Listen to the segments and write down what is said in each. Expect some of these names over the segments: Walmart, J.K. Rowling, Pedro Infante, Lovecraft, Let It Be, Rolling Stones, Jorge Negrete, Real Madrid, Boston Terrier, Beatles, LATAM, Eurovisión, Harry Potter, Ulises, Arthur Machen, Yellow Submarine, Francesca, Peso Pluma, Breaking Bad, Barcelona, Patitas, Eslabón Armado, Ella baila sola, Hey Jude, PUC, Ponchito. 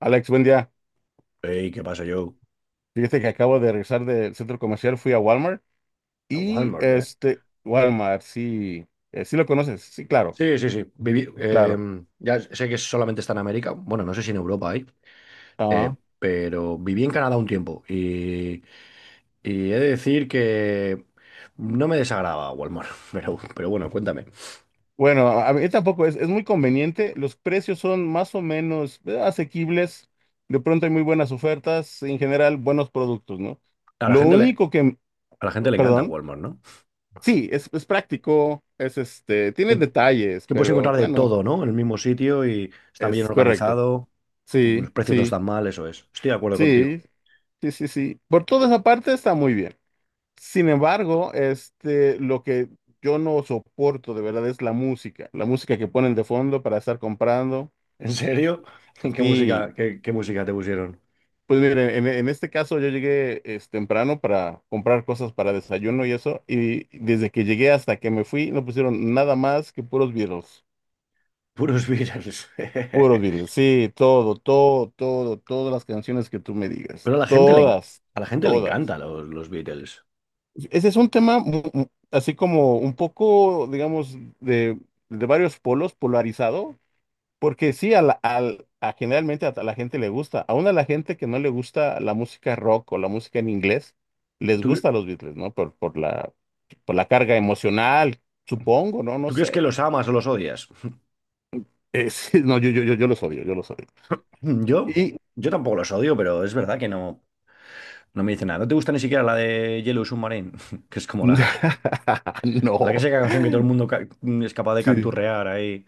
Alex, buen día. Ey, ¿qué pasa, Joe? Fíjate que acabo de regresar del centro comercial, fui a Walmart A y Walmart, ¿eh? Walmart, sí, sí lo conoces, sí, claro, Sí, sí, sí. Claro. Ya sé que solamente está en América. Bueno, no sé si en Europa hay. Ah, Pero viví en Canadá un tiempo. Y he de decir que no me desagrada Walmart. Pero bueno, cuéntame. bueno, a mí tampoco es muy conveniente, los precios son más o menos asequibles, de pronto hay muy buenas ofertas, en general buenos productos, ¿no? A la Lo gente le, único a la gente le encanta perdón, Walmart, ¿no? sí, es práctico, es este, Que, tiene detalles, que puedes pero encontrar de bueno, todo, ¿no? En el mismo sitio y está bien es correcto. organizado. Sí, Los precios no sí. están mal, eso es. Estoy de acuerdo contigo. Sí, sí, sí, sí. Por toda esa parte está muy bien. Sin embargo, este, lo que yo no soporto de verdad es la música que ponen de fondo para estar comprando. ¿En serio? ¿Qué música, Sí, qué qué música te pusieron? pues mire, en este caso yo llegué es, temprano para comprar cosas para desayuno y eso, y desde que llegué hasta que me fui no pusieron nada más que puros Beatles, Puros Beatles. puros Beatles. Sí, todo, todo, todo, todas las canciones que tú me digas, Pero a la gente le, en- todas, a la gente le todas. encanta los Beatles. Ese es un tema así como un poco, digamos, de varios polos polarizado, porque sí, a generalmente a la gente le gusta, aún a la gente que no le gusta la música rock o la música en inglés, les ¿Tú, cre- gusta los Beatles, ¿no? Por la carga emocional, supongo, ¿no? No Tú crees que sé. los amas o los odias? Sí, no, yo los odio, yo los odio. Mm, Yo, Y yo tampoco los odio, pero es verdad que no me dice nada. ¿No te gusta ni siquiera la de Yellow Submarine? Que es como la, la no, clásica canción que todo el mundo es capaz de sí, canturrear ahí.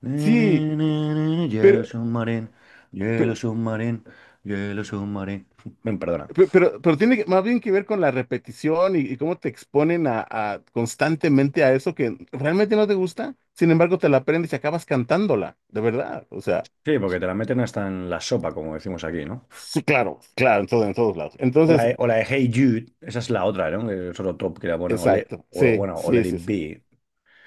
Na, na, sí, na, na, na, pero... Yellow Submarine, Yellow Submarine, Yellow Submarine. Ven, perdona. Pero tiene más bien que ver con la repetición y cómo te exponen a constantemente a eso que realmente no te gusta, sin embargo te la aprendes y acabas cantándola, de verdad. O sea, Sí, porque te la meten hasta en la sopa, como decimos aquí, ¿no? sí, claro, claro, en todo, en todos lados. Entonces, O la de Hey Jude, esa es la otra, ¿no? Que es otro top que la ponen, exacto, sí, bueno, o sí, Let It sí, sí. Be.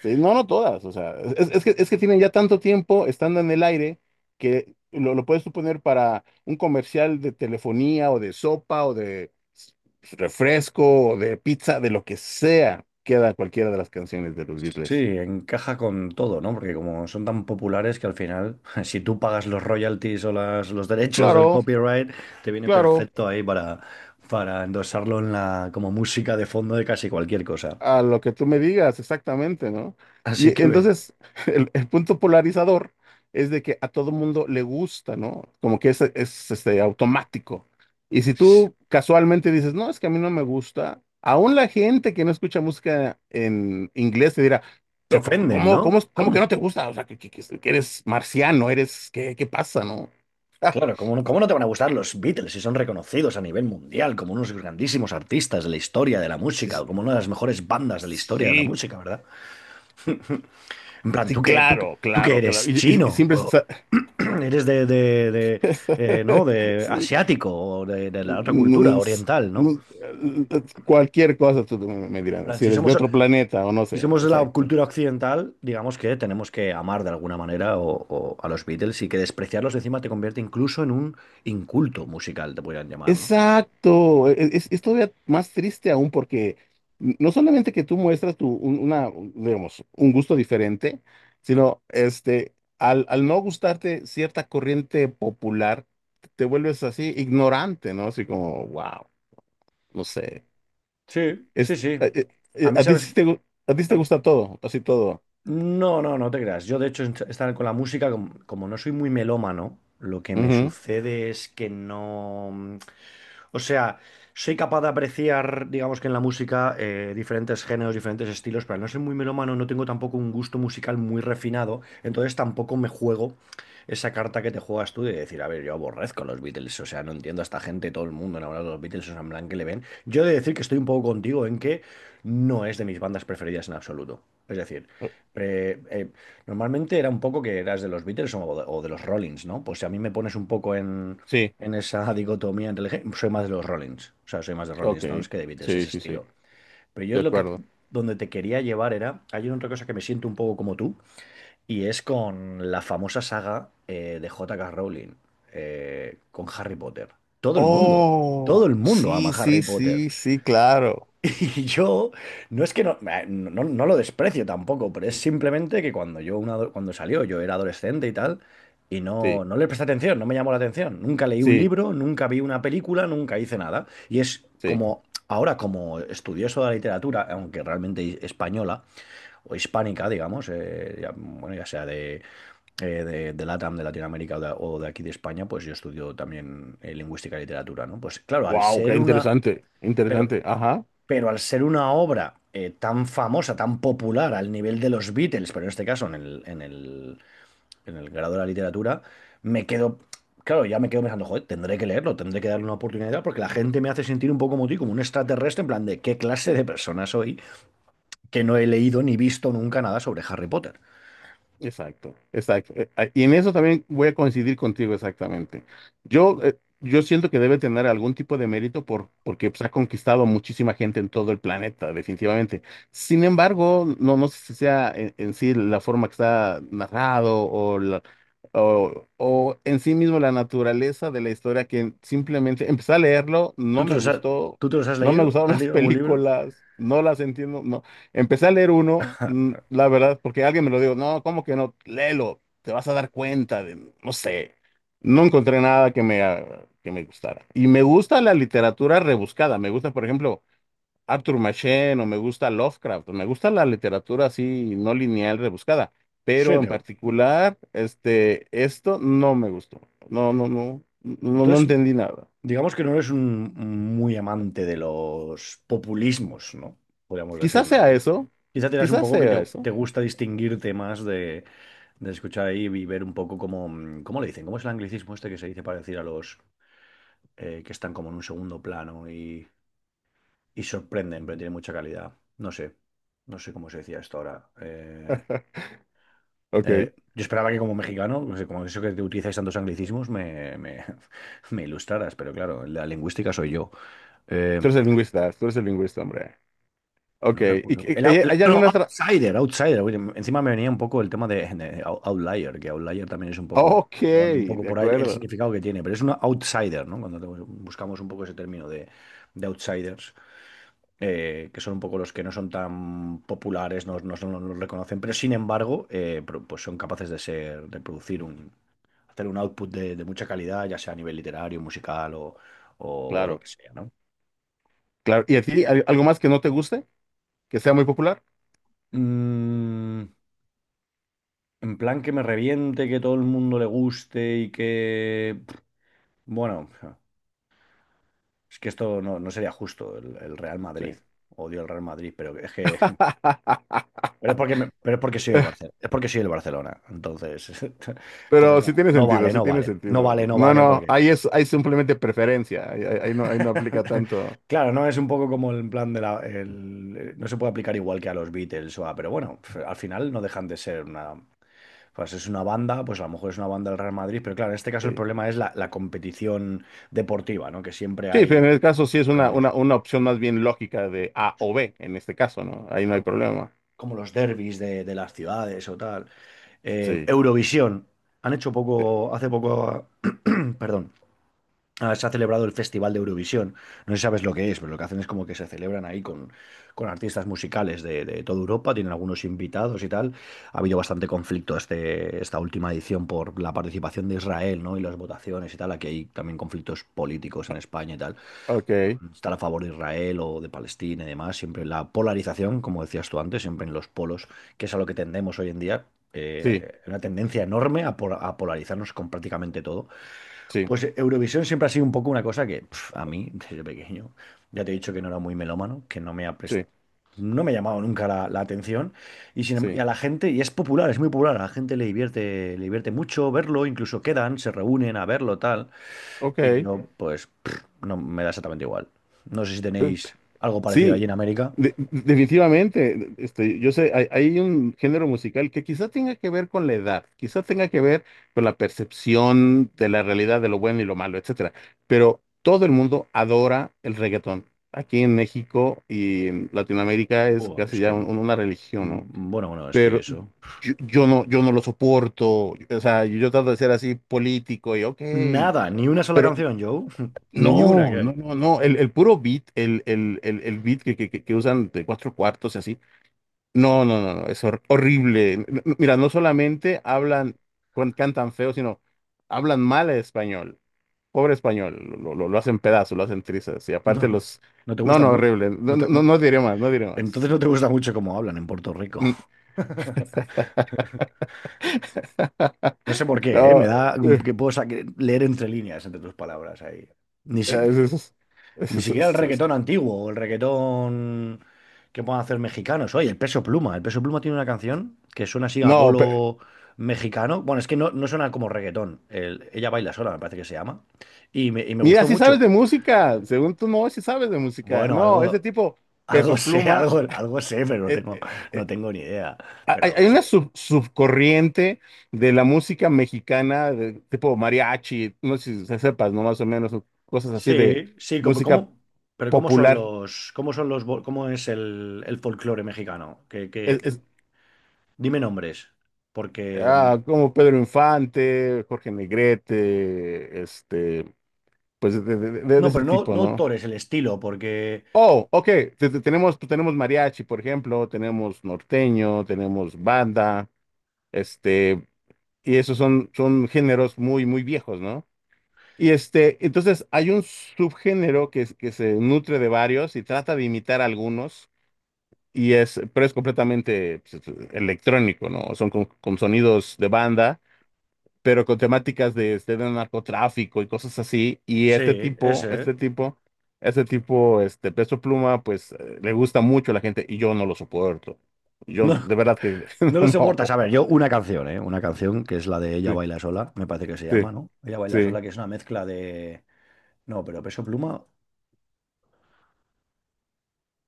Sí, no, no todas, o sea, es que tienen ya tanto tiempo estando en el aire que lo puedes suponer para un comercial de telefonía o de sopa o de refresco o de pizza, de lo que sea, queda cualquiera de las canciones de los Sí, Beatles. encaja con todo, ¿no? Porque como son tan populares que al final, si tú pagas los royalties o los derechos del Claro, copyright, te viene claro. perfecto ahí para endosarlo en como música de fondo de casi cualquier cosa. A lo que tú me digas, exactamente, ¿no? Así Y que ve, entonces, el punto polarizador es de que a todo mundo le gusta, ¿no? Como que automático. Y si tú casualmente dices, no, es que a mí no me gusta, aún la gente que no escucha música en inglés te dirá, se "Pero ofenden, ¿cómo, ¿no? Cómo que ¿Cómo? no te gusta? O sea, que eres marciano, eres, ¿qué, qué pasa, no? Claro, ¿ cómo no te van a gustar los Beatles si son reconocidos a nivel mundial como unos grandísimos artistas de la historia de la Sí, música sí, o como una de las mejores bandas de la historia de la sí, música, ¿verdad? En plan, sí, ¿tú qué, tú, qué- claro, tú qué claro, claro. eres Y chino? siempre... ¿O eres de, ¿no? de asiático o de la otra cultura Mm, s- oriental, ¿no? mm, Cualquier cosa tú me En dirás, plan, si si eres de somos, otro planeta o no si sé, somos de la exacto. cultura occidental, digamos que tenemos que amar de alguna manera o a los Beatles y que despreciarlos encima te convierte incluso en un inculto musical, te podrían llamar, ¿no? Exacto, es todavía más triste aún porque no solamente que tú muestras una, digamos, un gusto diferente, sino este, al no gustarte cierta corriente popular, te vuelves así ignorante, ¿no? Así como, wow, no sé. Sí, sí, Es, sí. ¿A mí, a, ti sabes? sí te, gu- A ti sí te A, gusta todo, así todo. no, no, No te creas. Yo, de hecho, est- estar con la música, com- como, No soy muy melómano, lo que me Ujú. sucede es que no. mm, O sea, soy capaz de apreciar, digamos que en la música, diferentes géneros, diferentes estilos, pero al no soy muy melómano, no tengo tampoco un gusto musical muy refinado, entonces tampoco me juego esa carta que te juegas tú de decir, a ver, yo aborrezco a los Beatles, o sea, no entiendo a esta gente, todo el mundo enamorado de los Beatles, o sea, en plan que le ven. Yo he de decir que estoy un poco contigo en que no es de mis bandas preferidas en absoluto. Es decir, eh, eh, normalmente era un poco que eras de los Beatles o de los Rollins, ¿no? Pues si a mí me pones un poco Sí. en esa dicotomía entre el gé- soy más de los Rollins, o sea, soy más de Rolling Ok, Stones que de Beatles, sí, ese sí, sí, estilo. Pero yo de lo que acuerdo. donde te quería llevar era, hay otra cosa que me siento un poco como tú, y es con la famosa saga de J.K. Rowling, con Harry Potter. Todo el mundo, Todo Oh, el mundo ama sí, Harry sí, Potter. sí, sí, claro. Y yo, no es que no, no lo desprecio tampoco, pero es simplemente que cuando salió, yo era adolescente y tal, y Sí, no le presté atención, no me llamó la atención. Nunca leí un sí, libro, nunca vi una película, nunca hice nada. Y es sí. como, ahora como estudioso de la literatura, aunque realmente española o hispánica, digamos, bueno, ya sea de LATAM, de Latinoamérica o de aquí de España, pues yo estudio también lingüística y literatura, ¿no? Pues claro, al Wow, ser qué una... interesante, Pero interesante. Ajá. pero al ser una obra tan famosa, tan popular al nivel de los Beatles, pero en este caso en el grado de la literatura, me quedo, claro, ya me quedo pensando, joder, tendré que leerlo, tendré que darle una oportunidad porque la gente me hace sentir un poco como ti, como un extraterrestre, en plan de qué clase de persona soy que no he leído ni visto nunca nada sobre Harry Potter. Exacto, exacto. Y en eso también voy a coincidir contigo exactamente. Yo, yo siento que debe tener algún tipo de mérito porque pues, ha conquistado muchísima gente en todo el planeta, definitivamente. Sin embargo, no, no sé si sea en sí la forma que está narrado o en sí mismo la naturaleza de la historia que simplemente empecé a leerlo, ¿Tú no te me los has, gustó, Tú te los has no me leído? gustaron ¿Te has las leído algún libro? películas, no las entiendo, no. Empecé a leer uno, la verdad, porque alguien me lo dijo, no, ¿cómo que no? Léelo, te vas a dar cuenta de, no sé, no encontré nada que me gustara. Y me gusta la literatura rebuscada, me gusta, por ejemplo, Arthur Machen o me gusta Lovecraft, me gusta la literatura así, no lineal, rebuscada, Sí, pero en Teo. particular, este, esto no me gustó, no, no, no, no, no Entonces, entendí nada. digamos que no eres un muy amante de los populismos, ¿no? Podríamos decir, Quizás ¿no, sea Joe? eso, Quizá te das un quizás poco que sea te eso. gusta distinguirte más de escuchar ahí y ver un poco cómo, cómo le dicen, cómo es el anglicismo este que se dice para decir a los que están como en un segundo plano y sorprenden, pero tienen mucha calidad. No sé cómo se decía esto ahora. Ok, Yo esperaba que como mexicano, no sé, como eso que te utilizáis tantos anglicismos, me ilustraras, pero claro, la lingüística soy yo. Eh, tú eres el lingüista, tú eres el lingüista, hombre. No Ok, recuerdo. El, ou- el- ¿hay no, alguna otra? Outsider, Outsider. Oye, encima me venía un poco el tema de Outlier, que Outlier también es un poco, Ok, llevar un poco de por ahí el acuerdo, significado que tiene, pero es una Outsider, ¿no? Cuando te- buscamos un poco ese término de Outsiders, que son un poco los que no son tan populares, no los reconocen, pero sin embargo, pues son capaces de ser, de producir hacer un output de mucha calidad, ya sea a nivel literario, musical o lo claro, que sea, ¿no? claro. ¿Y a ti algo más que no te guste? ¿Que sea muy popular? Mm, En plan que me reviente, que todo el mundo le guste y que... pff, bueno, es que esto no sería justo, el Real Madrid. Sí. Odio el Real Madrid, pero es que... Pero es porque soy el Barcelona. Es porque soy el Barcelona. Entonces, entonces Pero sí tiene sentido, sí no tiene vale. No sentido. vale, no No, vale no, porque... ahí es, ahí simplemente preferencia, ahí no aplica tanto. Claro, no es un poco como el plan de la... no se puede aplicar igual que a los Beatles o a... Pero bueno, al final no dejan de ser una... Pues es una banda, pues a lo mejor es una banda del Real Madrid, pero claro, en este caso el Sí, problema es la competición deportiva, ¿no? Que siempre sí, pero en hay el caso sí es pues, como los, una opción más bien lógica de A o B, en este caso, ¿no? Ahí pues, no hay como, problema. como los derbis de las ciudades o tal. Sí, Eurovisión. Sí. Hace poco, perdón, ah, se ha celebrado el Festival de Eurovisión. No sé si sabes lo que es, pero lo que hacen es como que se celebran ahí con artistas musicales de toda Europa, tienen algunos invitados y tal. Ha habido bastante conflicto este, esta última edición por la participación de Israel, ¿no? Y las votaciones y tal. Aquí hay también conflictos políticos en España y tal. Ok, Estar a favor de Israel o de Palestina y demás. Siempre la polarización, como decías tú antes, siempre en los polos, que es a lo que tendemos hoy en día. Sí, Una tendencia enorme a polarizarnos con prácticamente todo. sí, Pues Eurovisión siempre ha sido un poco una cosa que pf, a mí, desde pequeño, ya te he dicho que no era muy melómano, que no me ha pres- sí, no me ha llamado nunca la atención. Y, sin em- Y sí. a la gente, y es popular, es muy popular, a la gente le divierte mucho verlo, incluso quedan, se reúnen a verlo, tal. Y Ok. yo, pues, pf, no me da exactamente igual. No sé si tenéis algo parecido allí Sí, en América. Definitivamente. Este, yo sé, hay un género musical que quizá tenga que ver con la edad, quizá tenga que ver con la percepción de la realidad de lo bueno y lo malo, etcétera. Pero todo el mundo adora el reggaetón. Aquí en México y en Latinoamérica es Buah, casi es ya que, mm, una religión, ¿no? bueno, Bueno, es que Pero eso. yo no, yo no lo soporto. O sea, yo trato de ser así político y ok, Nada, ni una sola pero canción, Joe. Ni una no, que no, hay. no, no. El puro beat, el beat que usan de cuatro cuartos y así. No, no, no, no. Es horrible. Mira, no solamente hablan, cantan feo, sino hablan mal el español. Pobre español. Lo hacen pedazos, lo hacen trizas. Y aparte No, los. no te No, gustan no, mucho. horrible. No, no, no diré más, no diré Entonces más. no te gusta mucho cómo hablan en Puerto Rico. Mm. No sé por qué, ¿eh? Me No. da eh, que puedo sa- que leer entre líneas, entre tus palabras ahí. Ni, si- es- es- Ni es- es- siquiera el es- es- reggaetón antiguo o el reggaetón que puedan hacer mexicanos. Oye, el Peso Pluma. El Peso Pluma tiene una canción que suena así a No, polo mexicano. Bueno, es que no suena como reggaetón. El- ella baila sola, me parece que se llama. Y me mira, gustó sí sabes mucho. de música, según tú no, sí sabes de música. Bueno, No, ese tipo, algo Peso sé, Pluma, algo sé, pero eh, eh, no eh, tengo ni idea. Pero hay, hay algo una sé. Subcorriente de la música mexicana, de tipo mariachi, no sé si sepas, ¿no? Más o menos, o cosas así de Sí, sí, como, música como, pero ¿cómo son popular. los, cómo es el folclore mexicano? Es, es- Dime nombres, porque Como Pedro Infante, Jorge Negrete, este, pues de no, ese pero no, tipo, no ¿no? autores, el estilo, porque Oh, ok, tenemos, tenemos mariachi, por ejemplo, tenemos norteño, tenemos banda. Este, y esos son, son géneros muy, muy viejos, ¿no? Y este, entonces hay un subgénero que se nutre de varios y trata de imitar algunos, y es, pero es completamente pues, electrónico, ¿no? Son con sonidos de banda, pero con temáticas de, este, de narcotráfico y cosas así. Sí, ese, Este Peso Pluma, pues le gusta mucho a la gente y yo no lo soporto. Yo, no, de verdad que no lo no. soportas. A ver, yo una canción, ¿eh? Una canción que es la de Ella Sí, baila sola, me parece que se sí, llama, ¿no? Ella baila sí. sola, que es una mezcla de, no, pero Peso Pluma,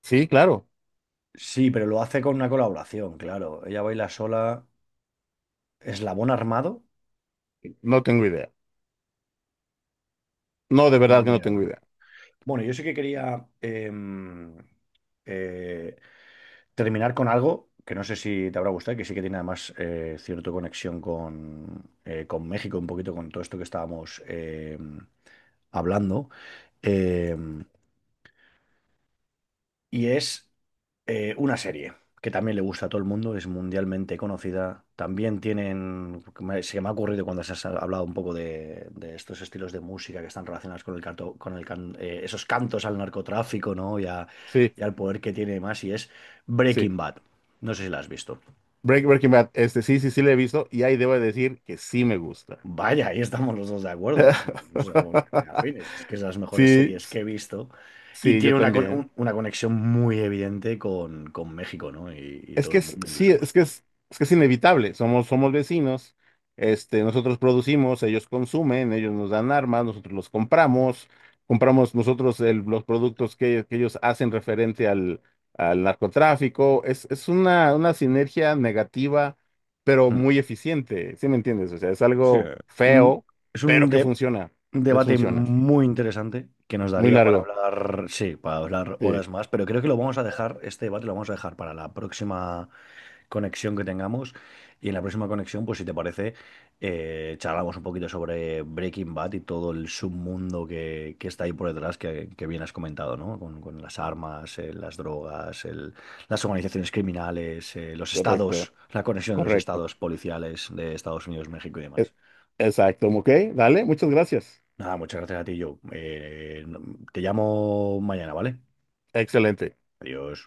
Sí, claro. sí, pero lo hace con una colaboración, claro. Ella baila sola, ¿Eslabón Armado? No tengo idea. No, de Ni verdad que no idea, tengo ¿no? idea. Bueno, yo sí que quería eh, terminar con algo que no sé si te habrá gustado, que sí que tiene además cierta conexión con México, un poquito con todo esto que estábamos hablando. Em, y es una serie que también le gusta a todo el mundo, es mundialmente conocida. También tienen, se me ha ocurrido cuando se ha hablado un poco de estos estilos de música que están relacionados con el canto, esos cantos al narcotráfico, ¿no? Sí, Y al poder que tiene más, y es sí. Breaking Bad. No sé si la has visto. Breaking Bad, este sí, sí, sí le he visto y ahí debo decir que sí me gusta. Vaya, ahí estamos los dos de acuerdo. Somos muy afines. Es que es de las mejores Sí, series que he visto. Y sí, yo tiene también. Una conexión muy evidente con México, ¿no? Y Es todo que el es, mundo, sí, incluso vosotros. Es que es inevitable. Somos, somos vecinos, este, nosotros producimos, ellos consumen, ellos nos dan armas, nosotros los compramos, compramos nosotros los productos que ellos hacen referente al narcotráfico. Una sinergia negativa, pero Mm. muy eficiente. ¿Sí me entiendes? O sea, es Sí, algo un- feo, es un, pero que de- funciona. un Les debate funciona. muy interesante que nos Muy daría para largo. hablar, sí, para hablar Sí, horas más, pero creo que lo vamos a dejar, este debate lo vamos a dejar para la próxima, conexión que tengamos. Y en la próxima conexión, pues si te parece, charlamos un poquito sobre Breaking Bad y todo el submundo que está ahí por detrás, que bien has comentado, ¿no? Con las armas, las drogas, las organizaciones criminales, los estados, correcto, la conexión de los correcto. estados policiales de Estados Unidos, México y E- demás. Exacto, ok, dale, muchas gracias. Nada, muchas gracias a ti, Joe. Te llamo mañana, ¿vale? Excelente. Adiós.